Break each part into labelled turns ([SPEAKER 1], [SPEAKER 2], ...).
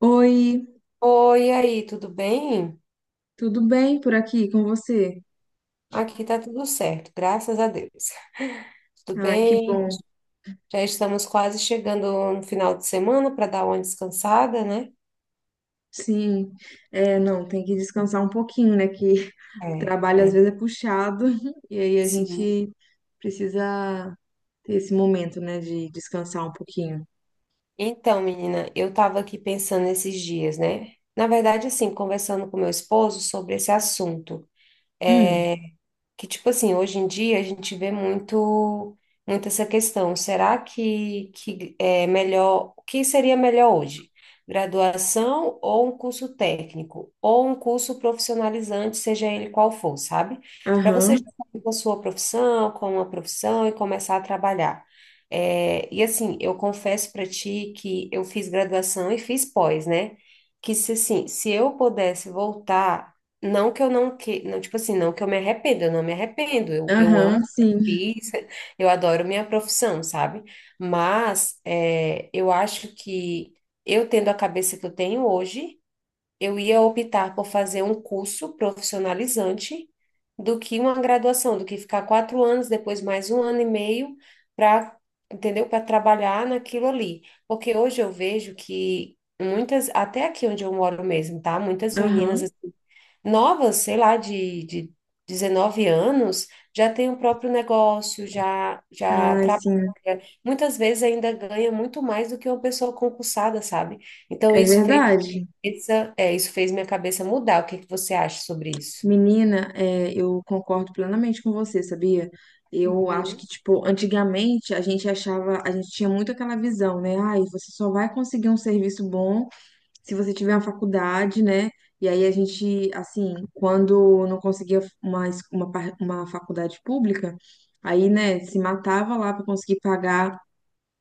[SPEAKER 1] Oi,
[SPEAKER 2] Oi, e aí, tudo bem?
[SPEAKER 1] tudo bem por aqui com você?
[SPEAKER 2] Aqui tá tudo certo, graças a Deus. Tudo
[SPEAKER 1] Ai, que
[SPEAKER 2] bem?
[SPEAKER 1] bom.
[SPEAKER 2] Já estamos quase chegando no final de semana para dar uma descansada, né?
[SPEAKER 1] Sim, é, não, tem que descansar um pouquinho, né? Que o
[SPEAKER 2] É,
[SPEAKER 1] trabalho às
[SPEAKER 2] é,
[SPEAKER 1] vezes é puxado e aí a
[SPEAKER 2] sim.
[SPEAKER 1] gente precisa ter esse momento, né, de descansar um pouquinho.
[SPEAKER 2] Então, menina, eu tava aqui pensando esses dias, né? Na verdade, assim, conversando com meu esposo sobre esse assunto.
[SPEAKER 1] Hum,
[SPEAKER 2] é, que tipo assim, hoje em dia a gente vê muito muito essa questão. Será que é melhor, o que seria melhor hoje? Graduação ou um curso técnico, ou um curso profissionalizante, seja ele qual for, sabe? Para você
[SPEAKER 1] aham,
[SPEAKER 2] já sair com a sua profissão, com uma profissão e começar a trabalhar. É, e assim, eu confesso para ti que eu fiz graduação e fiz pós, né? Que se assim, se eu pudesse voltar não que eu não que, não, tipo assim, não que eu me arrependo, eu não me arrependo, eu amo,
[SPEAKER 1] aham,
[SPEAKER 2] o
[SPEAKER 1] sim,
[SPEAKER 2] que eu fiz, eu adoro minha profissão, sabe? Mas eu acho que eu tendo a cabeça que eu tenho hoje, eu ia optar por fazer um curso profissionalizante do que uma graduação, do que ficar 4 anos, depois mais um ano e meio para, entendeu? Para trabalhar naquilo ali. Porque hoje eu vejo que muitas, até aqui onde eu moro mesmo, tá? Muitas meninas
[SPEAKER 1] aham.
[SPEAKER 2] novas, sei lá, de 19 anos, já tem o próprio negócio, já, já
[SPEAKER 1] Ai,
[SPEAKER 2] trabalha.
[SPEAKER 1] sim,
[SPEAKER 2] Muitas vezes ainda ganha muito mais do que uma pessoa concursada, sabe? Então,
[SPEAKER 1] é verdade.
[SPEAKER 2] isso fez minha cabeça mudar. O que que você acha sobre isso?
[SPEAKER 1] Menina, é, eu concordo plenamente com você, sabia? Eu acho
[SPEAKER 2] Uhum.
[SPEAKER 1] que, tipo, antigamente a gente achava, a gente tinha muito aquela visão, né? Ai, você só vai conseguir um serviço bom se você tiver uma faculdade, né? E aí a gente, assim, quando não conseguia uma, uma, uma faculdade pública, aí, né, se matava lá para conseguir pagar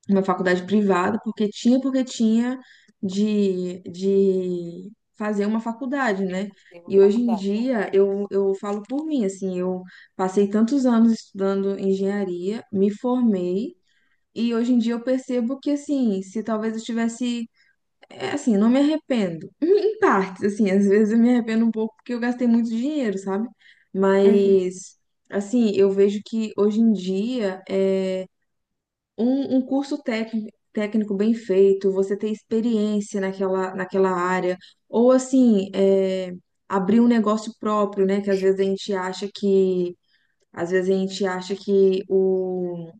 [SPEAKER 1] uma faculdade privada, porque tinha de fazer uma faculdade,
[SPEAKER 2] De
[SPEAKER 1] né?
[SPEAKER 2] fazer uma
[SPEAKER 1] E hoje em
[SPEAKER 2] faculdade.
[SPEAKER 1] dia eu falo por mim, assim, eu passei tantos anos estudando engenharia, me formei, e hoje em dia eu percebo que, assim, se talvez eu tivesse, é, assim, não me arrependo, em partes, assim, às vezes eu me arrependo um pouco porque eu gastei muito dinheiro, sabe?
[SPEAKER 2] Uhum.
[SPEAKER 1] Mas, assim, eu vejo que hoje em dia, é, um curso técnico, técnico bem feito, você ter experiência naquela área, ou assim, é, abrir um negócio próprio, né? Que às vezes a gente acha que o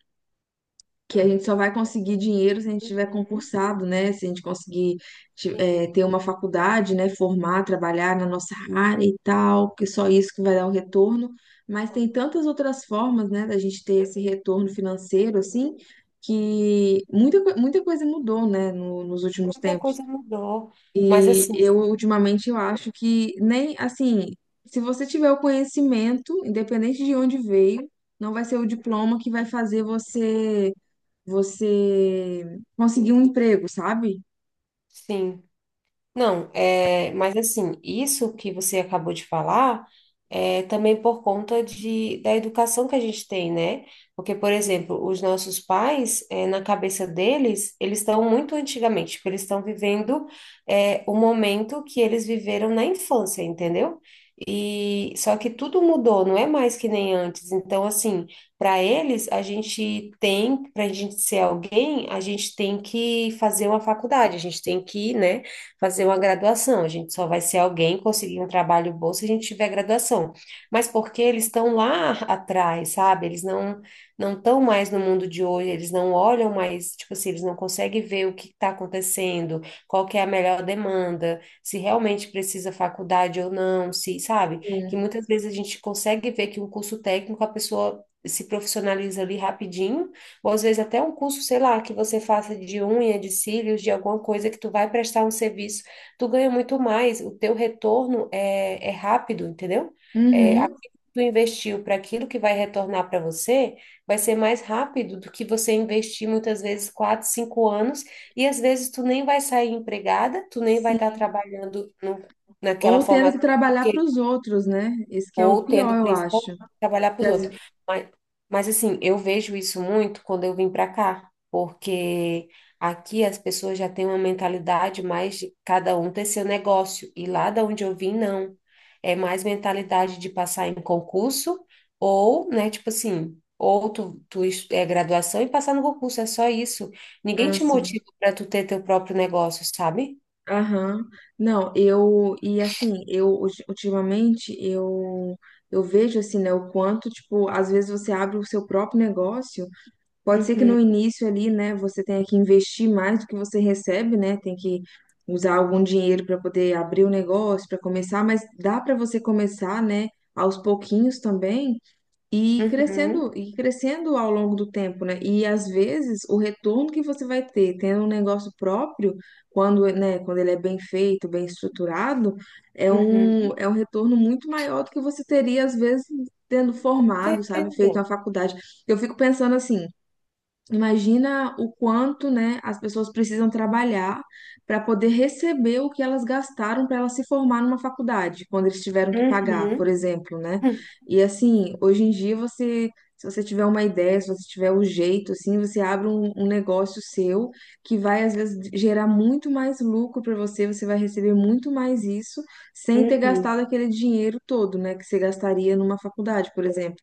[SPEAKER 1] que a gente só vai conseguir dinheiro se a gente tiver
[SPEAKER 2] Uhum.
[SPEAKER 1] concursado, né? Se a gente conseguir
[SPEAKER 2] Sim.
[SPEAKER 1] ter uma faculdade, né? Formar, trabalhar na nossa área e tal, que só isso que vai dar um retorno. Mas tem
[SPEAKER 2] Uhum.
[SPEAKER 1] tantas outras formas, né, da gente ter esse retorno financeiro, assim, que muita, muita coisa mudou, né, nos últimos
[SPEAKER 2] Muita
[SPEAKER 1] tempos.
[SPEAKER 2] coisa mudou. Mas
[SPEAKER 1] E
[SPEAKER 2] assim,
[SPEAKER 1] eu, ultimamente, eu acho que nem, assim, se você tiver o conhecimento, independente de onde veio, não vai ser o diploma que vai fazer você conseguir um emprego, sabe?
[SPEAKER 2] sim. Não, mas assim, isso que você acabou de falar é também por conta da educação que a gente tem, né? Porque, por exemplo, os nossos pais, na cabeça deles, eles estão muito antigamente, tipo, eles estão vivendo o momento que eles viveram na infância, entendeu? E só que tudo mudou, não é mais que nem antes. Então, assim, para eles, a gente tem, para a gente ser alguém, a gente tem que fazer uma faculdade, a gente tem que, né? Fazer uma graduação. A gente só vai ser alguém conseguir um trabalho bom se a gente tiver graduação. Mas porque eles estão lá atrás, sabe? Eles não não estão mais no mundo de hoje, eles não olham mais, tipo assim, eles não conseguem ver o que está acontecendo, qual que é a melhor demanda, se realmente precisa faculdade ou não, se, sabe? Que
[SPEAKER 1] Sim.
[SPEAKER 2] muitas vezes a gente consegue ver que um curso técnico a pessoa se profissionaliza ali rapidinho ou às vezes até um curso, sei lá, que você faça de unha, de cílios, de alguma coisa que tu vai prestar um serviço, tu ganha muito mais, o teu retorno é rápido, entendeu? É,
[SPEAKER 1] Uhum.
[SPEAKER 2] aquilo que tu investiu para aquilo que vai retornar para você vai ser mais rápido do que você investir muitas vezes 4, 5 anos, e às vezes tu nem vai sair empregada, tu nem vai estar
[SPEAKER 1] Sim.
[SPEAKER 2] trabalhando no, naquela
[SPEAKER 1] Ou tendo que
[SPEAKER 2] formação.
[SPEAKER 1] trabalhar para
[SPEAKER 2] Porque
[SPEAKER 1] os outros, né? Esse que é o
[SPEAKER 2] ou
[SPEAKER 1] pior,
[SPEAKER 2] tendo
[SPEAKER 1] eu
[SPEAKER 2] principalmente
[SPEAKER 1] acho.
[SPEAKER 2] que trabalhar para
[SPEAKER 1] Que
[SPEAKER 2] os
[SPEAKER 1] às-
[SPEAKER 2] outros. Mas, mas assim, eu vejo isso muito quando eu vim para cá, porque aqui as pessoas já têm uma mentalidade mais de cada um ter seu negócio, e lá da onde eu vim, não. É mais mentalidade de passar em concurso, ou, né, tipo assim, ou tu é graduação e passar no concurso, é só isso. Ninguém
[SPEAKER 1] Ah,
[SPEAKER 2] te
[SPEAKER 1] sim.
[SPEAKER 2] motiva para tu ter teu próprio negócio, sabe?
[SPEAKER 1] Aham. Não, eu e assim, eu ultimamente eu vejo assim, né, o quanto, tipo, às vezes você abre o seu próprio negócio. Pode ser que
[SPEAKER 2] Uhum,
[SPEAKER 1] no início ali, né, você tenha que investir mais do que você recebe, né? Tem que usar algum dinheiro para poder abrir o negócio, para começar, mas dá para você começar, né, aos pouquinhos também
[SPEAKER 2] uhum,
[SPEAKER 1] e ir crescendo ao longo do tempo, né? E às vezes o retorno que você vai ter tendo um negócio próprio, quando, né, quando ele é bem feito, bem estruturado, é um
[SPEAKER 2] uhum.
[SPEAKER 1] é um retorno muito maior do que você teria às vezes tendo
[SPEAKER 2] Com
[SPEAKER 1] formado, sabe,
[SPEAKER 2] certeza.
[SPEAKER 1] feito uma faculdade. Eu fico pensando assim, imagina o quanto, né, as pessoas precisam trabalhar para poder receber o que elas gastaram para elas se formar numa faculdade, quando eles tiveram que pagar, por
[SPEAKER 2] Uhum.
[SPEAKER 1] exemplo, né? E assim, hoje em dia você, se você tiver uma ideia, se você tiver o jeito, assim, você abre um negócio seu que vai às vezes gerar muito mais lucro para você, você vai receber muito mais isso sem ter
[SPEAKER 2] Uhum,
[SPEAKER 1] gastado aquele dinheiro todo, né, que você gastaria numa faculdade, por exemplo.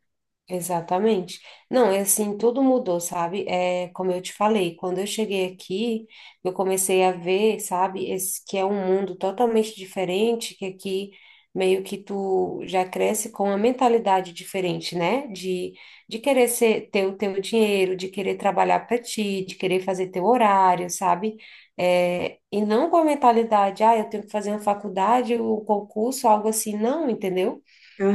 [SPEAKER 2] exatamente. Não, é assim, tudo mudou, sabe? É, como eu te falei, quando eu cheguei aqui, eu comecei a ver, sabe, esse que é um mundo totalmente diferente, que aqui meio que tu já cresce com uma mentalidade diferente, né? De querer ser, ter o teu dinheiro, de querer trabalhar para ti, de querer fazer teu horário, sabe? É, e não com a mentalidade, ah, eu tenho que fazer uma faculdade, um concurso, algo assim, não, entendeu?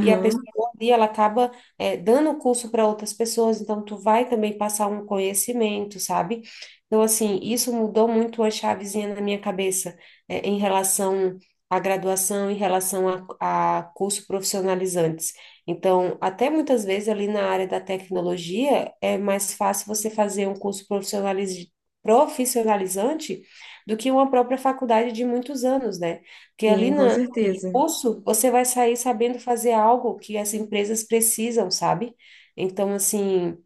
[SPEAKER 2] E a pessoa ali, ela acaba dando curso para outras pessoas, então tu vai também passar um conhecimento, sabe? Então, assim, isso mudou muito a chavezinha na minha cabeça em relação à graduação, em relação a curso profissionalizantes. Então, até muitas vezes ali na área da tecnologia, é mais fácil você fazer um curso profissionalizante do que uma própria faculdade de muitos anos, né? Porque ali
[SPEAKER 1] sim, com
[SPEAKER 2] na aquele
[SPEAKER 1] certeza.
[SPEAKER 2] curso, você vai sair sabendo fazer algo que as empresas precisam, sabe? Então, assim.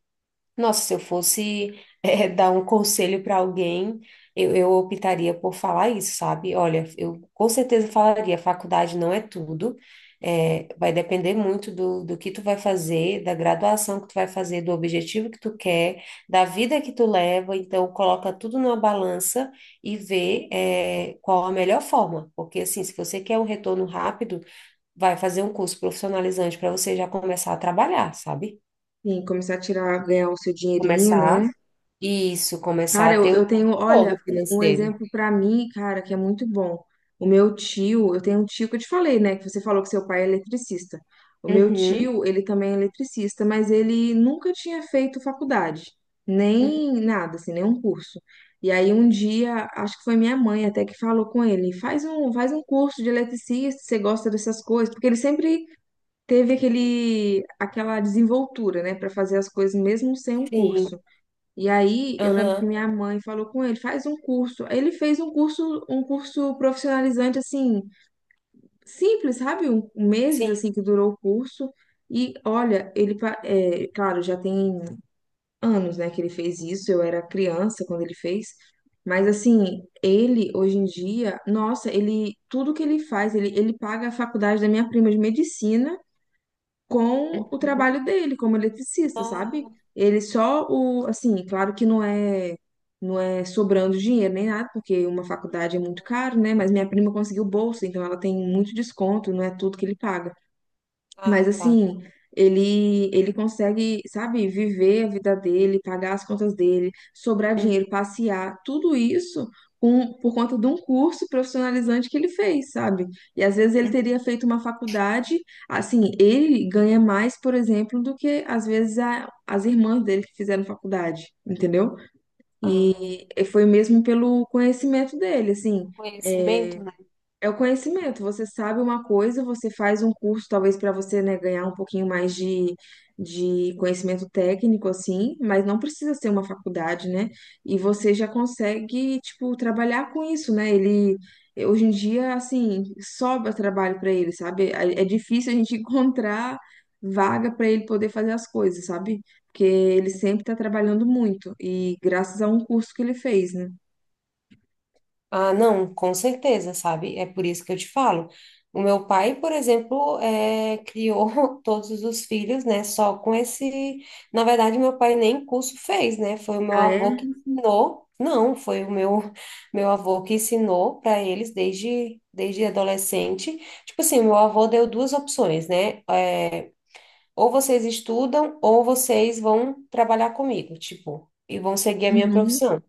[SPEAKER 2] Nossa, se eu fosse, dar um conselho para alguém, eu optaria por falar isso, sabe? Olha, eu com certeza falaria, faculdade não é tudo, vai depender muito do que tu vai fazer, da graduação que tu vai fazer, do objetivo que tu quer, da vida que tu leva, então coloca tudo numa balança e vê, qual a melhor forma, porque assim, se você quer um retorno rápido, vai fazer um curso profissionalizante para você já começar a trabalhar, sabe?
[SPEAKER 1] Sim, começar a tirar, ganhar o seu dinheirinho, né?
[SPEAKER 2] Começar isso, começar
[SPEAKER 1] Cara,
[SPEAKER 2] a
[SPEAKER 1] eu,
[SPEAKER 2] ter
[SPEAKER 1] eu
[SPEAKER 2] o
[SPEAKER 1] tenho, olha,
[SPEAKER 2] retorno
[SPEAKER 1] um
[SPEAKER 2] financeiro.
[SPEAKER 1] exemplo pra mim, cara, que é muito bom. O meu tio, eu tenho um tio que eu te falei, né? Que você falou que seu pai é eletricista. O meu
[SPEAKER 2] Uhum,
[SPEAKER 1] tio, ele também é eletricista, mas ele nunca tinha feito faculdade,
[SPEAKER 2] uhum,
[SPEAKER 1] nem nada, assim, nenhum curso. E aí um dia, acho que foi minha mãe até que falou com ele, faz um curso de eletricista, você gosta dessas coisas, porque ele sempre teve aquele aquela desenvoltura, né, para fazer as coisas mesmo sem um curso.
[SPEAKER 2] sim,
[SPEAKER 1] E aí eu lembro que
[SPEAKER 2] aham,
[SPEAKER 1] minha mãe falou com ele, faz um curso. Aí ele fez um curso profissionalizante assim, simples, sabe? Um meses
[SPEAKER 2] sim.
[SPEAKER 1] assim que durou o curso. E olha, ele, claro, já tem anos, né, que ele fez isso. Eu era criança quando ele fez. Mas assim, ele hoje em dia, nossa, ele tudo que ele faz, ele paga a faculdade da minha prima de medicina com o
[SPEAKER 2] Uhum.
[SPEAKER 1] trabalho dele como eletricista, sabe?
[SPEAKER 2] Oh,
[SPEAKER 1] Ele só o, assim, claro que não é sobrando dinheiro nem nada, porque uma faculdade é muito caro, né? Mas minha prima conseguiu bolsa, então ela tem muito desconto, não é tudo que ele paga. Mas
[SPEAKER 2] ah, tá.
[SPEAKER 1] assim, ele consegue, sabe, viver a vida dele, pagar as contas dele, sobrar
[SPEAKER 2] Uhum.
[SPEAKER 1] dinheiro, passear, tudo isso com, por conta de um curso profissionalizante que ele fez, sabe? E às vezes ele teria feito uma faculdade, assim, ele ganha mais, por exemplo, do que às vezes as irmãs dele que fizeram faculdade, entendeu?
[SPEAKER 2] Ah,
[SPEAKER 1] E foi mesmo pelo conhecimento dele,
[SPEAKER 2] então,
[SPEAKER 1] assim.
[SPEAKER 2] conhecimento.
[SPEAKER 1] É o conhecimento. Você sabe uma coisa, você faz um curso, talvez para você, né, ganhar um pouquinho mais de conhecimento técnico, assim, mas não precisa ser uma faculdade, né? E você já consegue, tipo, trabalhar com isso, né? Ele, hoje em dia, assim, sobra trabalho para ele, sabe? É difícil a gente encontrar vaga para ele poder fazer as coisas, sabe? Porque ele sempre está trabalhando muito, e graças a um curso que ele fez, né?
[SPEAKER 2] Ah, não, com certeza, sabe? É por isso que eu te falo. O meu pai, por exemplo, criou todos os filhos, né? Só com esse. Na verdade, meu pai nem curso fez, né? Foi o meu
[SPEAKER 1] Ah,
[SPEAKER 2] avô
[SPEAKER 1] é?
[SPEAKER 2] que ensinou. Não, foi o meu, meu avô que ensinou para eles desde adolescente. Tipo assim, meu avô deu duas opções, né? Ou vocês estudam, ou vocês vão trabalhar comigo, tipo, e vão seguir a minha
[SPEAKER 1] Uhum.
[SPEAKER 2] profissão.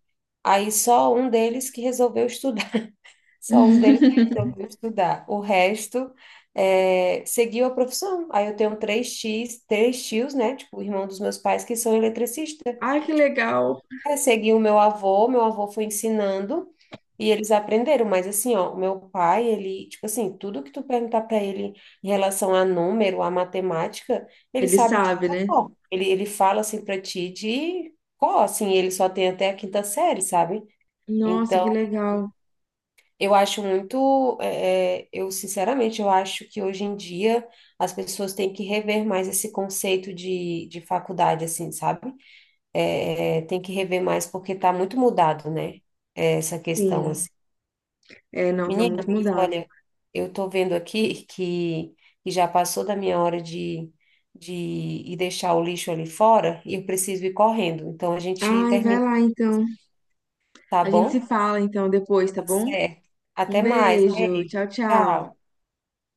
[SPEAKER 2] Aí só um deles que resolveu estudar. Só um deles resolveu estudar. O resto é, seguiu a profissão. Aí eu tenho três tios, né? Tipo, o irmão dos meus pais que são eletricistas.
[SPEAKER 1] Ai, que legal!
[SPEAKER 2] É, segui o meu avô foi ensinando e eles aprenderam. Mas assim, ó, o meu pai, ele, tipo assim, tudo que tu perguntar para ele em relação a número, a matemática, ele
[SPEAKER 1] Ele
[SPEAKER 2] sabe de
[SPEAKER 1] sabe, né?
[SPEAKER 2] cor. Ele fala assim para ti de cor, assim, ele só tem até a quinta série, sabe?
[SPEAKER 1] Nossa, que
[SPEAKER 2] Então
[SPEAKER 1] legal.
[SPEAKER 2] eu acho muito, eu sinceramente, eu acho que hoje em dia as pessoas têm que rever mais esse conceito de faculdade, assim, sabe? Tem que rever mais porque está muito mudado, né? Essa questão,
[SPEAKER 1] Sim,
[SPEAKER 2] assim.
[SPEAKER 1] é, não, tá
[SPEAKER 2] Menina,
[SPEAKER 1] muito
[SPEAKER 2] mas
[SPEAKER 1] mudado.
[SPEAKER 2] olha, eu tô vendo aqui que já passou da minha hora de ir deixar o lixo ali fora e eu preciso ir correndo. Então a gente
[SPEAKER 1] Ai, vai
[SPEAKER 2] termina,
[SPEAKER 1] lá então.
[SPEAKER 2] tá
[SPEAKER 1] A gente se
[SPEAKER 2] bom?
[SPEAKER 1] fala então depois, tá
[SPEAKER 2] Tá
[SPEAKER 1] bom?
[SPEAKER 2] certo.
[SPEAKER 1] Um
[SPEAKER 2] Até mais,
[SPEAKER 1] beijo,
[SPEAKER 2] beijo.
[SPEAKER 1] tchau, tchau.
[SPEAKER 2] Tchau.